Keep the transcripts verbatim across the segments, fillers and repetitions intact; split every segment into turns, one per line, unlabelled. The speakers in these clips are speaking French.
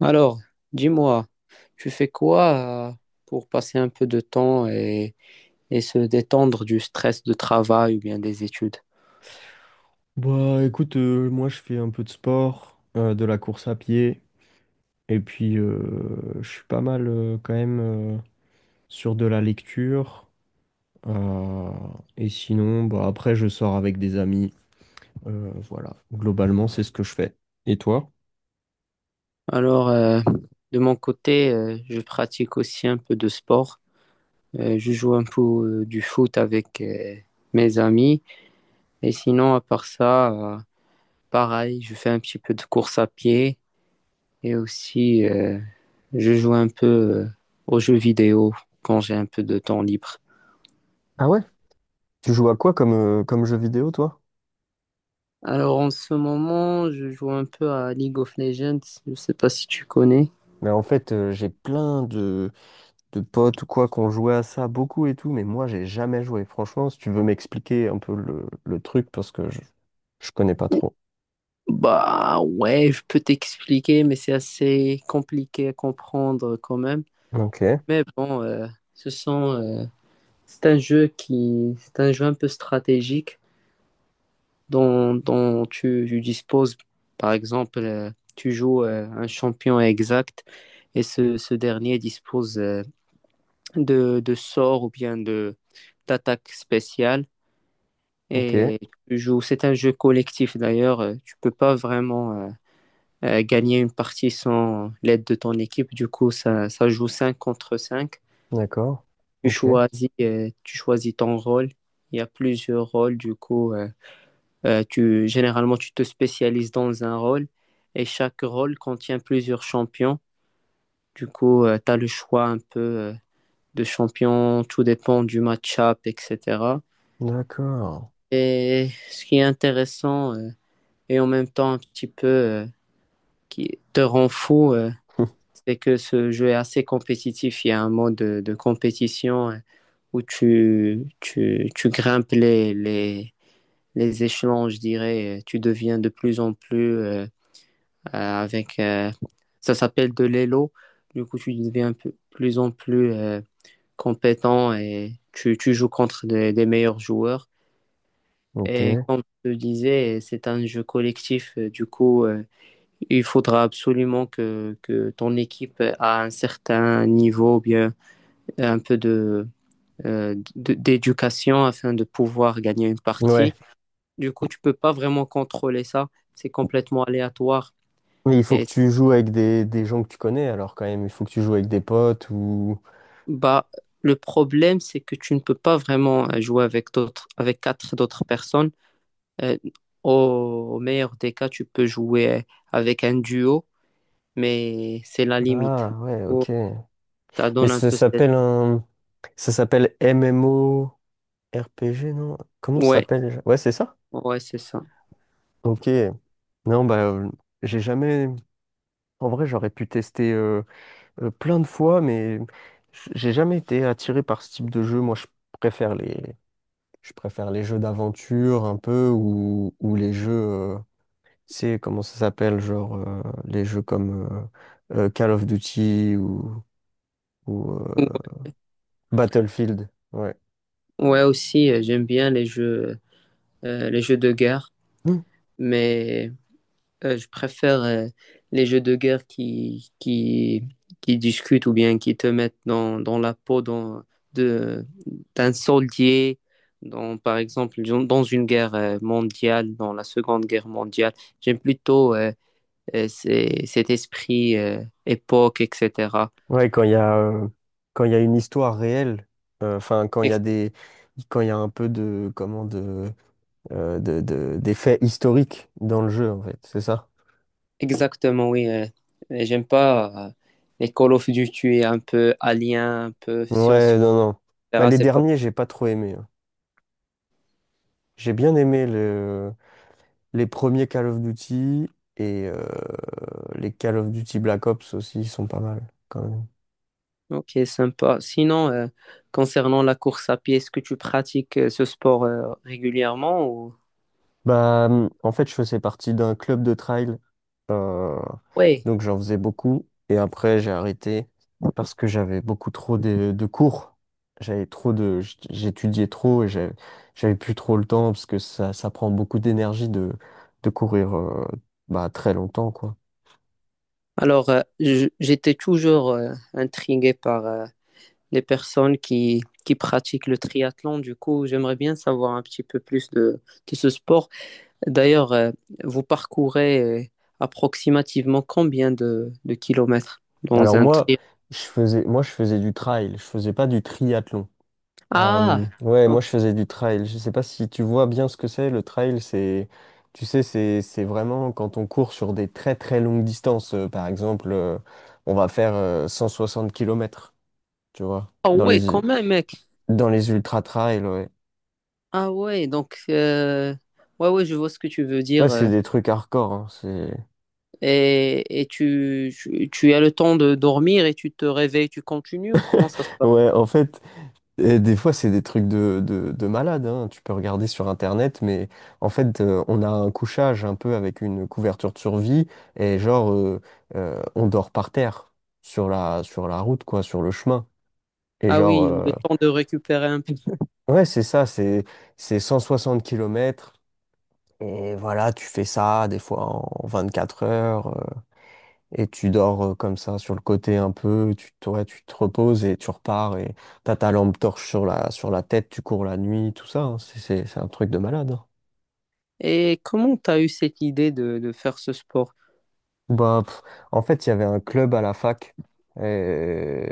Alors, dis-moi, tu fais quoi euh, pour passer un peu de temps et, et se détendre du stress de travail ou bien des études?
Bah écoute, euh, moi je fais un peu de sport, euh, de la course à pied, et puis euh, je suis pas mal euh, quand même euh, sur de la lecture. euh, et sinon, bah après je sors avec des amis. Euh, voilà, globalement c'est ce que je fais. Et toi?
Alors, euh, de mon côté, euh, je pratique aussi un peu de sport. Euh, je joue un peu euh, du foot avec euh, mes amis. Et sinon, à part ça, euh, pareil, je fais un petit peu de course à pied et aussi euh, je joue un peu euh, aux jeux vidéo quand j'ai un peu de temps libre.
Ah ouais? Tu joues à quoi comme, euh, comme jeu vidéo, toi?
Alors en ce moment, je joue un peu à League of Legends. Je sais pas si tu connais.
Mais en fait, euh, j'ai plein de, de potes ou quoi qui ont joué à ça beaucoup et tout, mais moi, j'ai jamais joué. Franchement, si tu veux m'expliquer un peu le, le truc, parce que je, je connais pas trop.
Bah ouais, je peux t'expliquer, mais c'est assez compliqué à comprendre quand même.
Ok.
Mais bon, euh, ce sont, euh, c'est un jeu qui, c'est un jeu un peu stratégique dont, dont tu, tu disposes. Par exemple, euh, tu joues euh, un champion exact et ce, ce dernier dispose euh, de, de sorts ou bien de d'attaques spéciales.
Ok,
Et tu joues, c'est un jeu collectif d'ailleurs. euh, Tu peux pas vraiment euh, euh, gagner une partie sans l'aide de ton équipe. Du coup, ça, ça joue cinq contre cinq.
d'accord.
Tu
Ok,
choisis, euh, tu choisis ton rôle. Il y a plusieurs rôles. Du coup, euh, euh, tu, généralement, tu te spécialises dans un rôle. Et chaque rôle contient plusieurs champions. Du coup, tu as le choix un peu euh, de champion. Tout dépend du match-up, et cetera.
d'accord.
Et ce qui est intéressant, euh, et en même temps un petit peu euh, qui te rend fou, euh, c'est que ce jeu est assez compétitif. Il y a un mode de, de compétition euh, où tu, tu, tu grimpes les, les, les échelons, je dirais. Euh, Tu deviens de plus en plus euh, avec... euh, ça s'appelle de l'élo. Du coup, tu deviens de plus en plus euh, compétent et tu, tu joues contre des, des meilleurs joueurs. Et
Ok.
comme je te disais, c'est un jeu collectif. euh, Du coup, euh, il faudra absolument que, que ton équipe a un certain niveau, ou bien un peu de, euh, d- d'éducation afin de pouvoir gagner une
Ouais.
partie. Du coup, tu peux pas vraiment contrôler ça. C'est complètement aléatoire.
Mais il faut que
Et
tu joues avec des, des gens que tu connais, alors quand même. Il faut que tu joues avec des potes ou...
bah, le problème, c'est que tu ne peux pas vraiment euh, jouer avec d'autres, avec quatre d'autres personnes. Euh, au, au meilleur des cas, tu peux jouer avec un duo, mais c'est la limite.
Ah, ouais, ok.
Ça
Mais
donne un
ça
peu cette...
s'appelle un... Ça s'appelle M M O R P G, non? Comment ça
Ouais,
s'appelle déjà? Ouais, c'est ça?
ouais, c'est ça.
Ok. Non, bah, euh, j'ai jamais... En vrai, j'aurais pu tester euh, euh, plein de fois, mais j- j'ai jamais été attiré par ce type de jeu. Moi, je préfère les, je préfère les jeux d'aventure un peu ou, ou les jeux, euh, c'est comment ça s'appelle, genre euh, les jeux comme euh, euh, Call of Duty ou, ou, euh, Battlefield. Ouais.
Ouais, aussi, euh, j'aime bien les jeux, euh, les jeux de guerre,
Mm.
mais euh, je préfère euh, les jeux de guerre qui, qui, qui discutent ou bien qui te mettent dans, dans la peau dans- de, d'un soldier, dans, par exemple, dans dans une guerre euh, mondiale, dans la Seconde Guerre mondiale. J'aime plutôt euh, euh, ces- cet esprit euh, époque, et cetera.
Ouais, quand il y a, euh, quand il y a une histoire réelle, euh, enfin quand il y a des, quand il y a un peu de, comment de, euh, de, de- des faits historiques dans le jeu en fait, c'est ça?
Exactement, oui. euh, et J'aime pas euh, les Call of Duty un peu alien, un peu science,
Ouais, non, non. Bah,
et cetera.
les
C'est pas...
derniers, j'ai pas trop aimé, hein. J'ai bien aimé le les premiers Call of Duty et euh, les Call of Duty Black Ops aussi sont pas mal quand même.
Ok, sympa. Sinon, euh, concernant la course à pied, est-ce que tu pratiques euh, ce sport euh, régulièrement ou...
Bah, hum, en fait, je faisais partie d'un club de trail, euh,
Oui.
donc j'en faisais beaucoup. Et après, j'ai arrêté parce que j'avais beaucoup trop de, de cours. J'avais trop de, j- j'étudiais trop et j'avais, j'avais plus trop le temps parce que ça, ça prend beaucoup d'énergie de, de courir, euh, bah, très longtemps, quoi.
Alors, euh, je- j'étais toujours euh, intrigué par euh, les personnes qui, qui pratiquent le triathlon. Du coup, j'aimerais bien savoir un petit peu plus de, de ce sport. D'ailleurs, euh, vous parcourez euh, approximativement combien de, de kilomètres dans
Alors
un
moi,
trip?
je faisais, moi, je faisais du trail, je faisais pas du triathlon. Euh,
Ah,
ouais, moi
ok.
je faisais du trail. Je sais pas si tu vois bien ce que c'est. Le trail, c'est, tu sais, c'est c'est vraiment quand on court sur des très très longues distances. Euh, par exemple, euh, on va faire euh, cent soixante kilomètres. Tu vois,
Ah
dans
ouais, quand
les
même, mec.
dans les ultra trails. Ouais,
Ah ouais, donc, euh, ouais, ouais, je vois ce que tu veux
ouais,
dire.
c'est
euh.
des trucs hardcore, hein. C'est
Et, et tu, tu, tu as le temps de dormir et tu te réveilles, tu continues ou comment ça se passe?
ouais, en fait, Et des fois, c'est des trucs de, de, de malade, hein. Tu peux regarder sur Internet, mais en fait, euh, on a un couchage un peu avec une couverture de survie, et genre, euh, euh, on dort par terre sur la, sur la route, quoi, sur le chemin. Et
Ah
genre,
oui,
euh,
le temps de récupérer un peu.
ouais, c'est ça, c'est, c'est cent soixante kilomètres. Et voilà, tu fais ça des fois en vingt-quatre heures. Euh, et tu dors euh, comme ça sur le côté un peu, tu te, ouais, tu te reposes et tu repars, et t'as ta lampe torche sur la, sur la tête, tu cours la nuit, tout ça, hein. C'est c'est- c'est un truc de malade, hein.
Et comment tu as eu cette idée de, de faire ce sport?
Bah, pff, en fait, il y avait un club à la fac, et,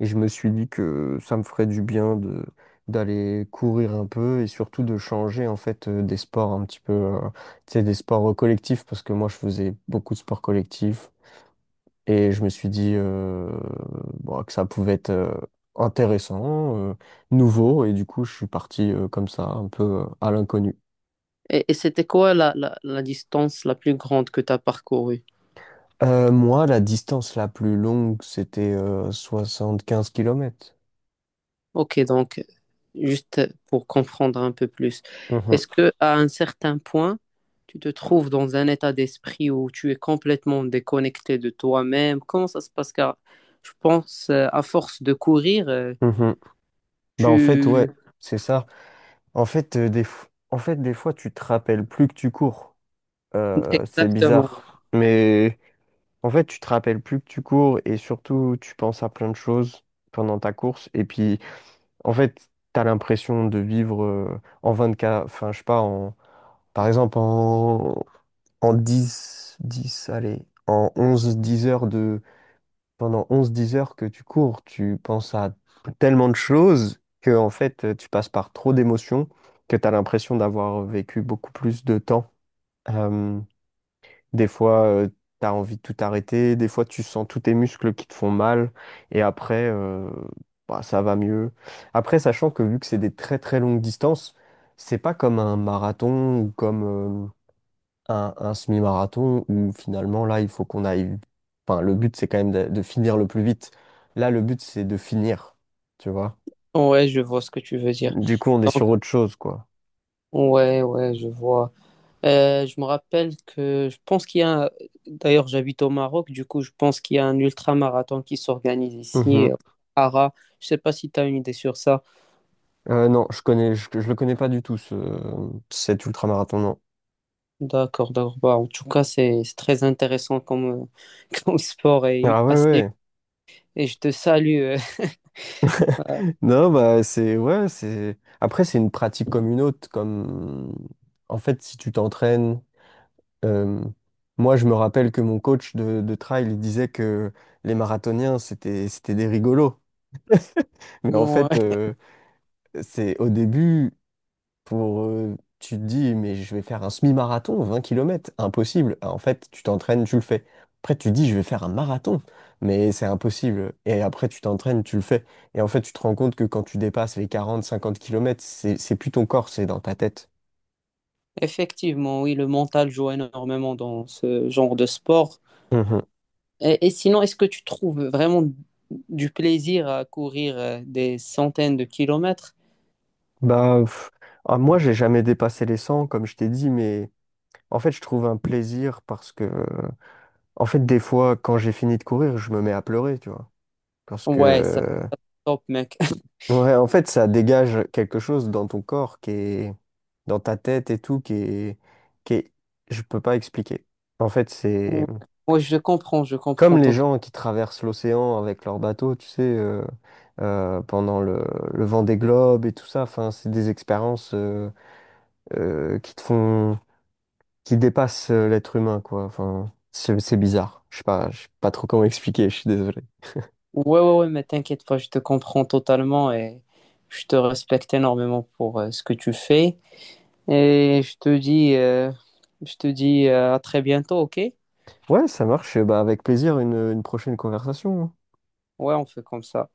et je me suis dit que ça me ferait du bien de d'aller courir un peu et surtout de changer en fait euh, des sports un petit peu, euh, tu sais, des sports collectifs parce que moi je faisais beaucoup de sports collectifs. Et je me suis dit euh, bon, que ça pouvait être euh, intéressant, euh, nouveau, et du coup, je suis parti euh, comme ça, un peu euh, à l'inconnu.
Et, et c'était quoi la, la, la distance la plus grande que tu as parcourue?
Euh, moi, la distance la plus longue, c'était euh, quinze kilomètres.
Ok, donc juste pour comprendre un peu plus,
Mhm,
est-ce que à un certain point, tu te trouves dans un état d'esprit où tu es complètement déconnecté de toi-même? Comment ça se passe? Car je pense, euh, à force de courir, euh,
mhm. Bah,
tu...
en fait, ouais, c'est ça. En fait, euh, des f- en fait, des fois, tu te rappelles plus que tu cours. Euh, c'est
Exactement.
bizarre. Mais en fait, tu te rappelles plus que tu cours et surtout, tu penses à plein de choses pendant ta course. Et puis, en fait, t'as l'impression de vivre euh, en vingt-quatre, enfin, je sais pas, en, par exemple, en, en dix dix, allez, en onze dix heures de, pendant onze dix heures que tu cours, tu penses à tellement de choses que, en fait, euh, tu passes par trop d'émotions que t'as l'impression d'avoir vécu beaucoup plus de temps. Euh, des fois, euh, tu t'as envie de tout arrêter, des fois, tu sens tous tes muscles qui te font mal, et après, euh, bah, ça va mieux. Après, sachant que vu que c'est des très très longues distances, c'est pas comme un marathon ou comme euh, un, un semi-marathon où finalement, là, il faut qu'on aille. Enfin, le but, c'est quand même de, de finir le plus vite. Là, le but, c'est de finir, tu vois.
Ouais, je vois ce que tu veux dire.
Du coup, on est
Donc,
sur autre chose, quoi.
ouais, ouais, je vois. Euh, je me rappelle que je pense qu'il y a, un- d'ailleurs j'habite au Maroc, du coup je pense qu'il y a un ultra-marathon qui s'organise ici, euh,
Mhm.
à Ara. Je sais pas si tu as une idée sur ça.
Euh, non, je connais, je, je le connais pas du tout, ce, cet ultramarathon, non.
D'accord, d'accord. Bah, en tout cas, c'est c'est très intéressant comme, euh, comme sport et
Ah ouais,
assez.
ouais.
Et je te salue. euh. Ouais.
Non, bah c'est ouais, c'est après c'est une pratique comme une autre, comme en fait si tu t'entraînes. euh, Moi je me rappelle que mon coach de, de trail, il disait que les marathoniens c'était c'était des rigolos. Mais en fait
Ouais.
euh, c'est au début, pour, euh, tu te dis, mais je vais faire un semi-marathon, vingt kilomètres impossible. En fait, tu t'entraînes, tu le fais. Après, tu te dis, je vais faire un marathon, mais c'est impossible. Et après, tu t'entraînes, tu le fais. Et en fait, tu te rends compte que quand tu dépasses les quarante, cinquante kilomètres, c'est, c'est plus ton corps, c'est dans ta tête.
Effectivement, oui, le mental joue énormément dans ce genre de sport.
Mhm.
Et, et sinon, est-ce que tu trouves vraiment du plaisir à courir euh, des centaines de kilomètres?
Bah, pff, ah, moi, j'ai jamais dépassé les cent, comme je t'ai dit, mais en fait, je trouve un plaisir parce que, euh, en fait, des fois, quand j'ai fini de courir, je me mets à pleurer, tu vois. Parce que,
Ouais, ça
euh,
top, mec.
Ouais, en fait, ça dégage quelque chose dans ton corps qui est, dans ta tête et tout, qui est, qui est, je peux pas expliquer. En fait, c'est
Ouais, ouais, je comprends, je
comme
comprends
les
totalement.
gens qui traversent l'océan avec leur bateau, tu sais, euh, euh, pendant le, le vent des globes et tout ça. Enfin, c'est des expériences euh, euh, qui te font, qui dépassent euh, l'être humain, quoi. Enfin, c'est c'est bizarre. Je sais pas, je sais pas trop comment expliquer. Je suis désolé.
Ouais, ouais, ouais, mais t'inquiète pas, je te comprends totalement et je te respecte énormément pour euh, ce que tu fais. Et je te dis, euh, je te dis euh, à très bientôt, ok?
Ouais, ça marche. Bah, avec plaisir, une, une prochaine conversation, hein.
Ouais, on fait comme ça.